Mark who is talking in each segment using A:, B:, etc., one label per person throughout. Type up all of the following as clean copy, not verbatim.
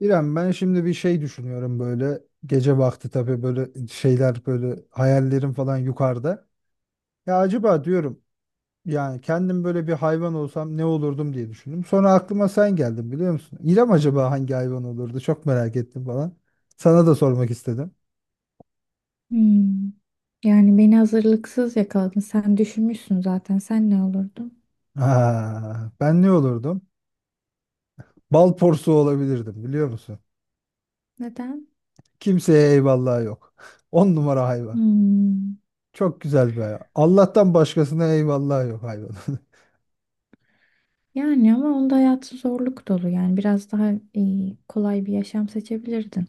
A: İrem, ben şimdi bir şey düşünüyorum böyle gece vakti. Tabii böyle şeyler, böyle hayallerim falan yukarıda. Ya acaba diyorum, yani kendim böyle bir hayvan olsam ne olurdum diye düşündüm. Sonra aklıma sen geldin, biliyor musun? İrem, acaba hangi hayvan olurdu çok merak ettim falan. Sana da sormak istedim.
B: Hmm. Yani beni hazırlıksız yakaladın. Sen düşünmüşsün zaten. Sen ne olurdun?
A: Ha, ben ne olurdum? Bal porsuğu olabilirdim, biliyor musun?
B: Neden?
A: Kimseye eyvallah yok. On numara hayvan.
B: Hmm.
A: Çok güzel bir hayvan. Allah'tan başkasına eyvallah yok hayvan.
B: Yani ama onda hayatı zorluk dolu. Yani biraz daha kolay bir yaşam seçebilirdin.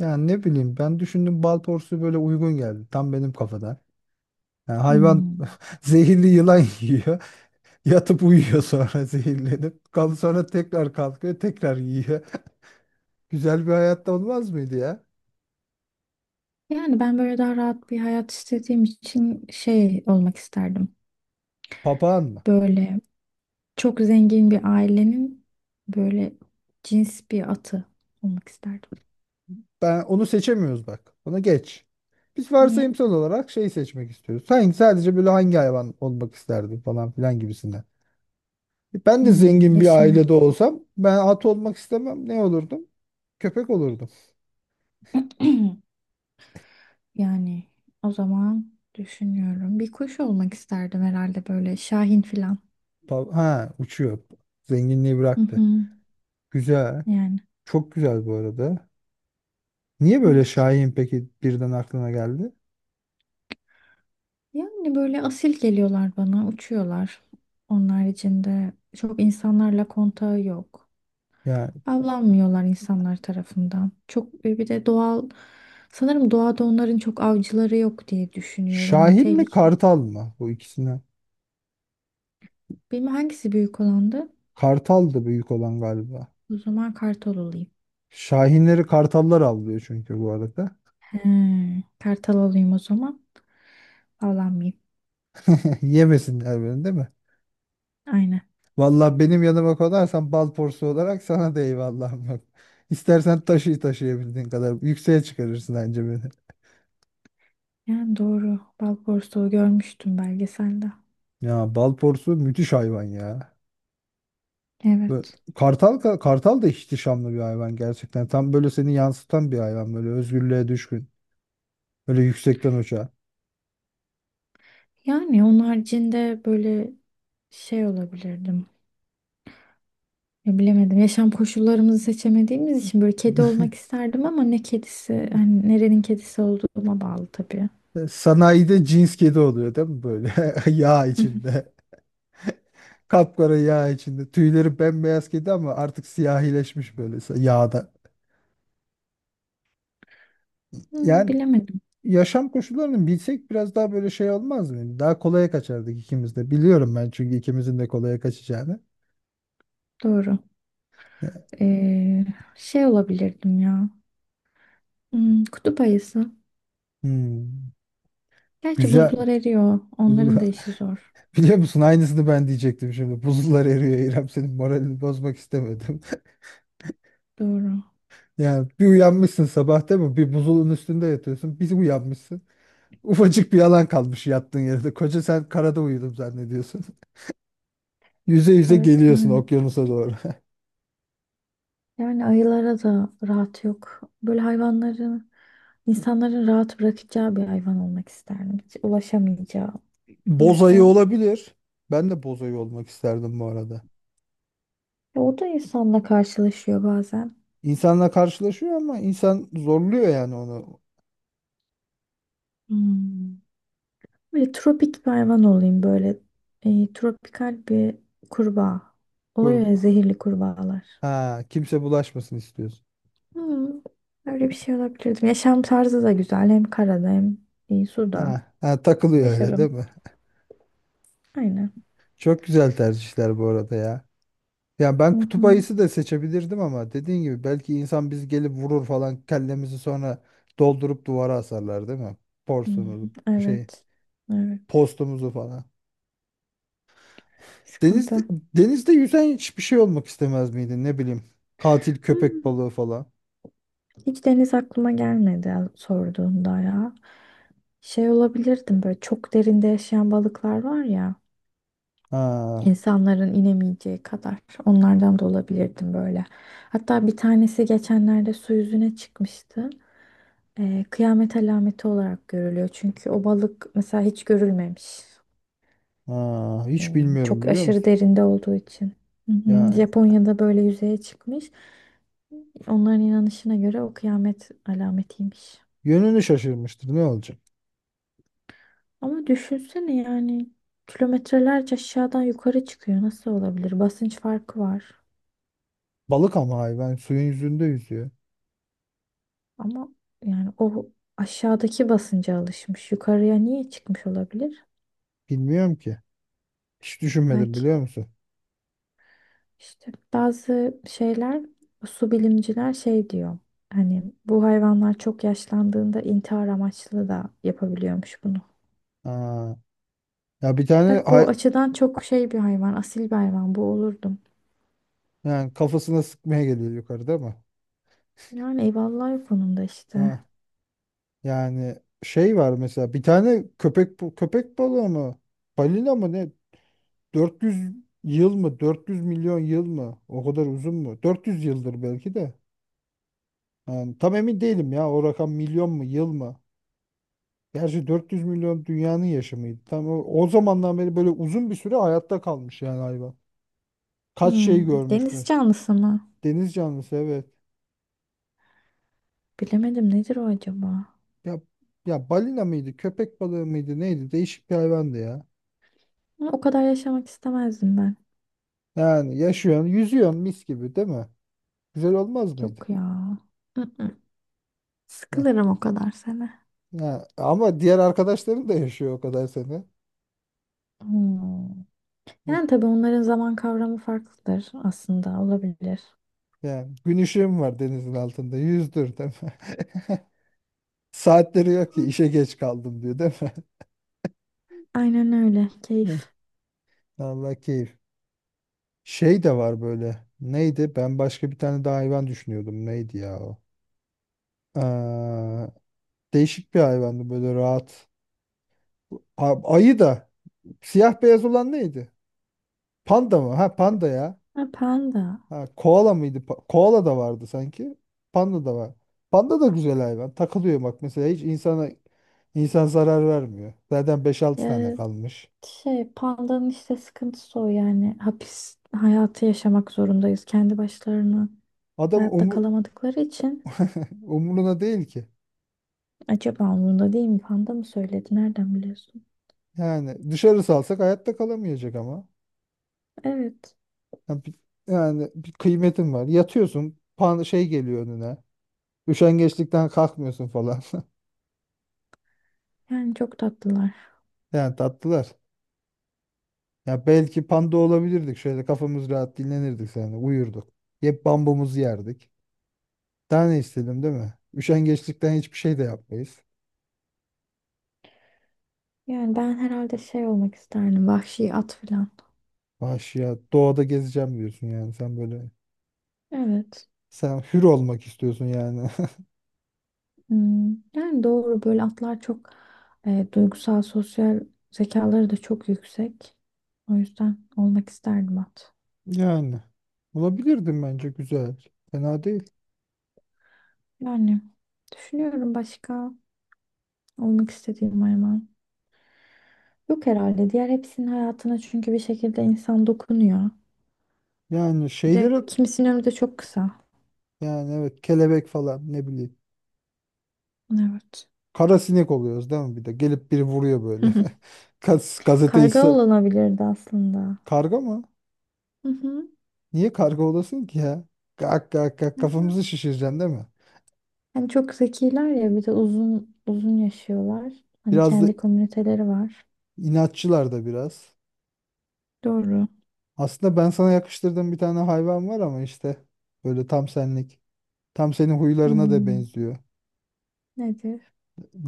A: Yani ne bileyim, ben düşündüm, bal porsu böyle uygun geldi. Tam benim kafada. Yani hayvan
B: Hmm.
A: zehirli yılan yiyor. Yatıp uyuyor sonra zehirlenip. Kal sonra tekrar kalkıyor, tekrar yiyor. Güzel bir hayatta olmaz mıydı ya?
B: Yani ben böyle daha rahat bir hayat istediğim için şey olmak isterdim.
A: Papağan mı?
B: Böyle çok zengin bir ailenin böyle cins bir atı olmak isterdim.
A: Ben onu seçemiyoruz bak. Onu geç. Biz
B: Niye?
A: varsayımsal olarak şey seçmek istiyoruz. Sen sadece böyle hangi hayvan olmak isterdin falan filan gibisinden. Ben de
B: Hmm,
A: zengin bir
B: yaşam.
A: ailede olsam ben at olmak istemem. Ne olurdum? Köpek olurdum.
B: Yani o zaman düşünüyorum. Bir kuş olmak isterdim herhalde böyle şahin filan.
A: Ha, uçuyor. Zenginliği
B: Hı
A: bıraktı.
B: hı.
A: Güzel.
B: Yani
A: Çok güzel bu arada. Niye böyle
B: evet.
A: şahin peki birden aklına geldi?
B: Yani böyle asil geliyorlar bana, uçuyorlar. Onlar içinde çok insanlarla kontağı yok.
A: Yani
B: Avlanmıyorlar insanlar tarafından. Çok bir de doğal sanırım doğada onların çok avcıları yok diye düşünüyorum. Hani
A: şahin mi,
B: tehlike.
A: kartal mı bu ikisinden?
B: Bilmem hangisi büyük olandı.
A: Kartal da büyük olan galiba.
B: O zaman kartal olayım.
A: Şahinleri kartallar avlıyor çünkü bu arada.
B: He, kartal olayım o zaman. Avlanmayayım.
A: Yemesinler beni, değil mi?
B: Aynen.
A: Vallahi benim yanıma konarsan bal porsu olarak sana da eyvallahım yok. İstersen taşı taşıyabildiğin kadar yükseğe çıkarırsın bence beni.
B: Yani doğru. Bal porsuğu görmüştüm belgeselde.
A: Ya bal porsu müthiş hayvan ya. Ve
B: Evet.
A: kartal, kartal da ihtişamlı bir hayvan gerçekten. Tam böyle seni yansıtan bir hayvan, böyle özgürlüğe düşkün. Böyle yüksekten uçağa.
B: Yani onun haricinde böyle şey olabilirdim. Ya bilemedim. Yaşam koşullarımızı seçemediğimiz için böyle kedi olmak isterdim ama ne kedisi, hani nerenin kedisi olduğuma bağlı tabii.
A: Sanayide cins kedi oluyor değil mi böyle? Yağ
B: Hı hı.
A: içinde. Kapkara yağ içinde. Tüyleri bembeyaz kedi ama artık siyahileşmiş böyle yağda.
B: Hmm,
A: Yani
B: bilemedim.
A: yaşam koşullarını bilsek biraz daha böyle şey olmaz mı? Daha kolaya kaçardık ikimiz de. Biliyorum ben çünkü ikimizin de kolaya kaçacağını.
B: Doğru.
A: E,
B: Ee, Şey olabilirdim ya. Hmm, kutup ayısı.
A: Hmm,
B: Gerçi
A: güzel.
B: buzlar eriyor. Onların da işi zor.
A: Biliyor musun aynısını ben diyecektim şimdi. Buzullar eriyor İrem, senin moralini bozmak istemedim.
B: Doğru.
A: Yani bir uyanmışsın sabah, değil mi? Bir buzulun üstünde yatıyorsun. Bir uyanmışsın. Ufacık bir alan kalmış yattığın yerde. Koca sen karada uyudum zannediyorsun. Yüze yüze
B: Evet
A: geliyorsun
B: yani.
A: okyanusa doğru.
B: Yani ayılara da rahat yok. Böyle hayvanların, insanların rahat bırakacağı bir hayvan olmak isterdim. Hiç ulaşamayacağı. O
A: Boz ayı
B: yüzden
A: olabilir. Ben de boz ayı olmak isterdim bu arada.
B: ya o da insanla karşılaşıyor bazen.
A: İnsanla karşılaşıyor ama insan zorluyor yani onu.
B: Hmm. Böyle tropik bir hayvan olayım böyle. Tropikal bir kurbağa. Oluyor ya
A: Koru-
B: zehirli kurbağalar.
A: Ha, kimse bulaşmasın istiyorsun.
B: Hmm, öyle bir şey olabilirdim. Yaşam tarzı da güzel. Hem karada hem suda.
A: Ha, ha, takılıyor öyle
B: Yaşarım.
A: değil mi?
B: Aynen.
A: Çok güzel tercihler bu arada ya. Yani
B: Hı
A: ben kutup
B: hı.
A: ayısı da seçebilirdim ama dediğin gibi belki insan biz gelip vurur falan kellemizi, sonra doldurup duvara asarlar değil mi?
B: Hı hı.
A: Porsumuzu, şey,
B: Evet. Evet.
A: postumuzu falan. Deniz,
B: Sıkıntı.
A: denizde yüzen hiçbir şey olmak istemez miydin, ne bileyim, katil köpek
B: Hmm,
A: balığı falan.
B: hiç deniz aklıma gelmedi sorduğunda ya. Şey olabilirdim böyle çok derinde yaşayan balıklar var ya.
A: Ha,
B: İnsanların inemeyeceği kadar onlardan da olabilirdim böyle. Hatta bir tanesi geçenlerde su yüzüne çıkmıştı. Kıyamet alameti olarak görülüyor. Çünkü o balık mesela hiç görülmemiş.
A: ha, hiç
B: Hmm,
A: bilmiyorum,
B: çok
A: biliyor
B: aşırı
A: musun?
B: derinde olduğu için. Hı hı.
A: Yani
B: Japonya'da böyle yüzeye çıkmış. Onların inanışına göre o kıyamet alametiymiş.
A: yönünü şaşırmıştır, ne olacak?
B: Ama düşünsene yani kilometrelerce aşağıdan yukarı çıkıyor. Nasıl olabilir? Basınç farkı var.
A: Balık ama hayvan suyun yüzünde yüzüyor.
B: Ama yani o aşağıdaki basınca alışmış. Yukarıya niye çıkmış olabilir?
A: Bilmiyorum ki. Hiç düşünmedim,
B: Belki
A: biliyor musun?
B: işte bazı şeyler su bilimciler şey diyor. Hani bu hayvanlar çok yaşlandığında intihar amaçlı da yapabiliyormuş bunu.
A: Ha. Ya bir tane
B: Bak bu açıdan çok şey bir hayvan, asil bir hayvan bu olurdum.
A: yani kafasına sıkmaya geliyor yukarıda ama.
B: Yani eyvallah o konuda işte.
A: Ha, yani şey var mesela, bir tane köpek balığı mı? Balina mı ne? 400 yıl mı? 400 milyon yıl mı? O kadar uzun mu? 400 yıldır belki de. Yani tam emin değilim ya o rakam, milyon mu, yıl mı? Gerçi 400 milyon dünyanın yaşamıydı. Tam o zamandan beri böyle uzun bir süre hayatta kalmış yani hayvan. Kaç şey
B: Hmm,
A: görmüş
B: deniz
A: mü?
B: canlısı mı?
A: Deniz canlısı, evet.
B: Bilemedim nedir o acaba?
A: Ya, ya balina mıydı, köpek balığı mıydı, neydi? Değişik bir hayvandı ya.
B: Ama o kadar yaşamak istemezdim ben.
A: Yani yaşıyorsun, yüzüyorsun mis gibi, değil mi? Güzel olmaz
B: Yok
A: mıydı?
B: ya. Mm-mm.
A: Heh.
B: Sıkılırım o kadar sene.
A: Ya, ama diğer arkadaşların da yaşıyor o kadar seni.
B: Hmm.
A: Heh.
B: Yani tabii onların zaman kavramı farklıdır aslında olabilir.
A: Yani gün ışığım var denizin altında. Yüzdür, değil mi? Saatleri yok ki işe geç kaldım diyor değil mi?
B: Aynen öyle.
A: Heh.
B: Keyif.
A: Allah keyif. Şey de var böyle. Neydi? Ben başka bir tane daha hayvan düşünüyordum. Neydi ya o? Aa, değişik bir hayvandı böyle rahat. Ayı da. Siyah beyaz olan neydi? Panda mı? Ha, panda ya.
B: Ha, panda.
A: Ha, koala mıydı? Koala da vardı sanki. Panda da var. Panda da güzel hayvan. Takılıyor bak mesela, hiç insana insan zarar vermiyor. Zaten beş altı tane
B: Ya
A: kalmış.
B: şey pandanın işte sıkıntısı o yani hapis hayatı yaşamak zorundayız kendi başlarına.
A: Adam
B: Hayatta kalamadıkları için
A: umuruna değil ki.
B: acaba umurunda değil mi? Panda mı söyledi? Nereden biliyorsun?
A: Yani dışarı salsak hayatta kalamayacak ama.
B: Evet.
A: Yani yani bir kıymetin var. Yatıyorsun, pan şey geliyor önüne. Üşengeçlikten kalkmıyorsun falan.
B: Yani çok tatlılar.
A: Yani tatlılar. Ya belki panda olabilirdik. Şöyle kafamız rahat dinlenirdik yani, uyurduk. Hep bambumuzu yerdik. Daha ne istedim, değil mi? Üşengeçlikten hiçbir şey de yapmayız.
B: Yani ben herhalde şey olmak isterdim. Vahşi at falan.
A: Vahşi doğada gezeceğim diyorsun yani sen,
B: Evet.
A: sen hür olmak istiyorsun yani.
B: Hmm, yani doğru böyle atlar çok duygusal, sosyal zekaları da çok yüksek. O yüzden olmak isterdim at.
A: Yani bulabilirdim bence, güzel. Fena değil.
B: Yani düşünüyorum başka olmak istediğim hayvan. Yok herhalde. Diğer hepsinin hayatına çünkü bir şekilde insan dokunuyor.
A: Yani
B: Bir de
A: şeylere,
B: kimisinin ömrü de çok kısa.
A: yani evet, kelebek falan, ne bileyim.
B: Evet.
A: Kara sinek oluyoruz değil mi bir de? Gelip biri vuruyor böyle. Gazeteyi
B: Karga olanabilirdi aslında.
A: karga mı?
B: Hı hı.
A: Niye karga olasın ki ya? Gak gak gak kafamızı şişireceksin değil mi?
B: Hani çok zekiler ya bir de uzun uzun yaşıyorlar. Hani
A: Biraz da
B: kendi komüniteleri var.
A: inatçılar da biraz.
B: Doğru.
A: Aslında ben sana yakıştırdığım bir tane hayvan var ama işte böyle tam senlik. Tam senin huylarına da
B: Hmm,
A: benziyor.
B: nedir?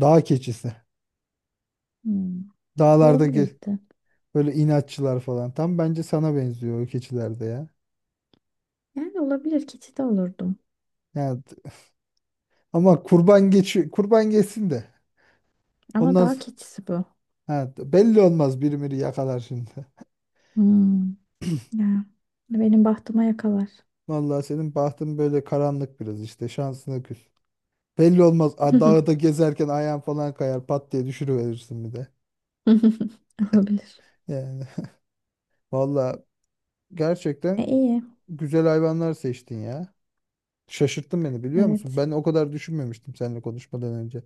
A: Dağ keçisi.
B: Hmm,
A: Dağlarda ge-
B: olabilirdi.
A: böyle inatçılar falan. Tam bence sana benziyor o keçilerde ya.
B: Yani olabilir keçi de olurdum.
A: Yani, ama kurban geçi kurban geçsin de.
B: Ama
A: Ondan
B: daha
A: s-
B: keçisi bu.
A: ha, belli olmaz, biri miri yakalar şimdi.
B: Hmm, ya. Benim bahtıma yakalar.
A: Vallahi senin bahtın böyle karanlık biraz, işte şansına küs. Belli olmaz. A, dağda gezerken ayağın falan kayar, pat diye düşürüverirsin bir de.
B: Olabilir.
A: Yani vallahi
B: E,
A: gerçekten
B: iyi.
A: güzel hayvanlar seçtin ya. Şaşırttın beni, biliyor musun?
B: Evet.
A: Ben o kadar düşünmemiştim seninle konuşmadan önce.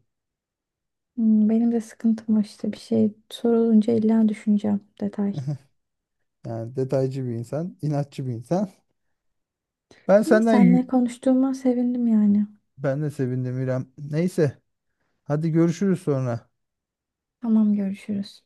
B: Hmm, benim de sıkıntım o işte bir şey sorulunca illa düşüneceğim detay.
A: Yani detaycı bir insan, inatçı bir insan. Ben
B: İyi
A: senden
B: seninle
A: yü-
B: konuştuğuma sevindim yani.
A: ben de sevindim İrem. Neyse, hadi görüşürüz sonra.
B: Tamam, görüşürüz.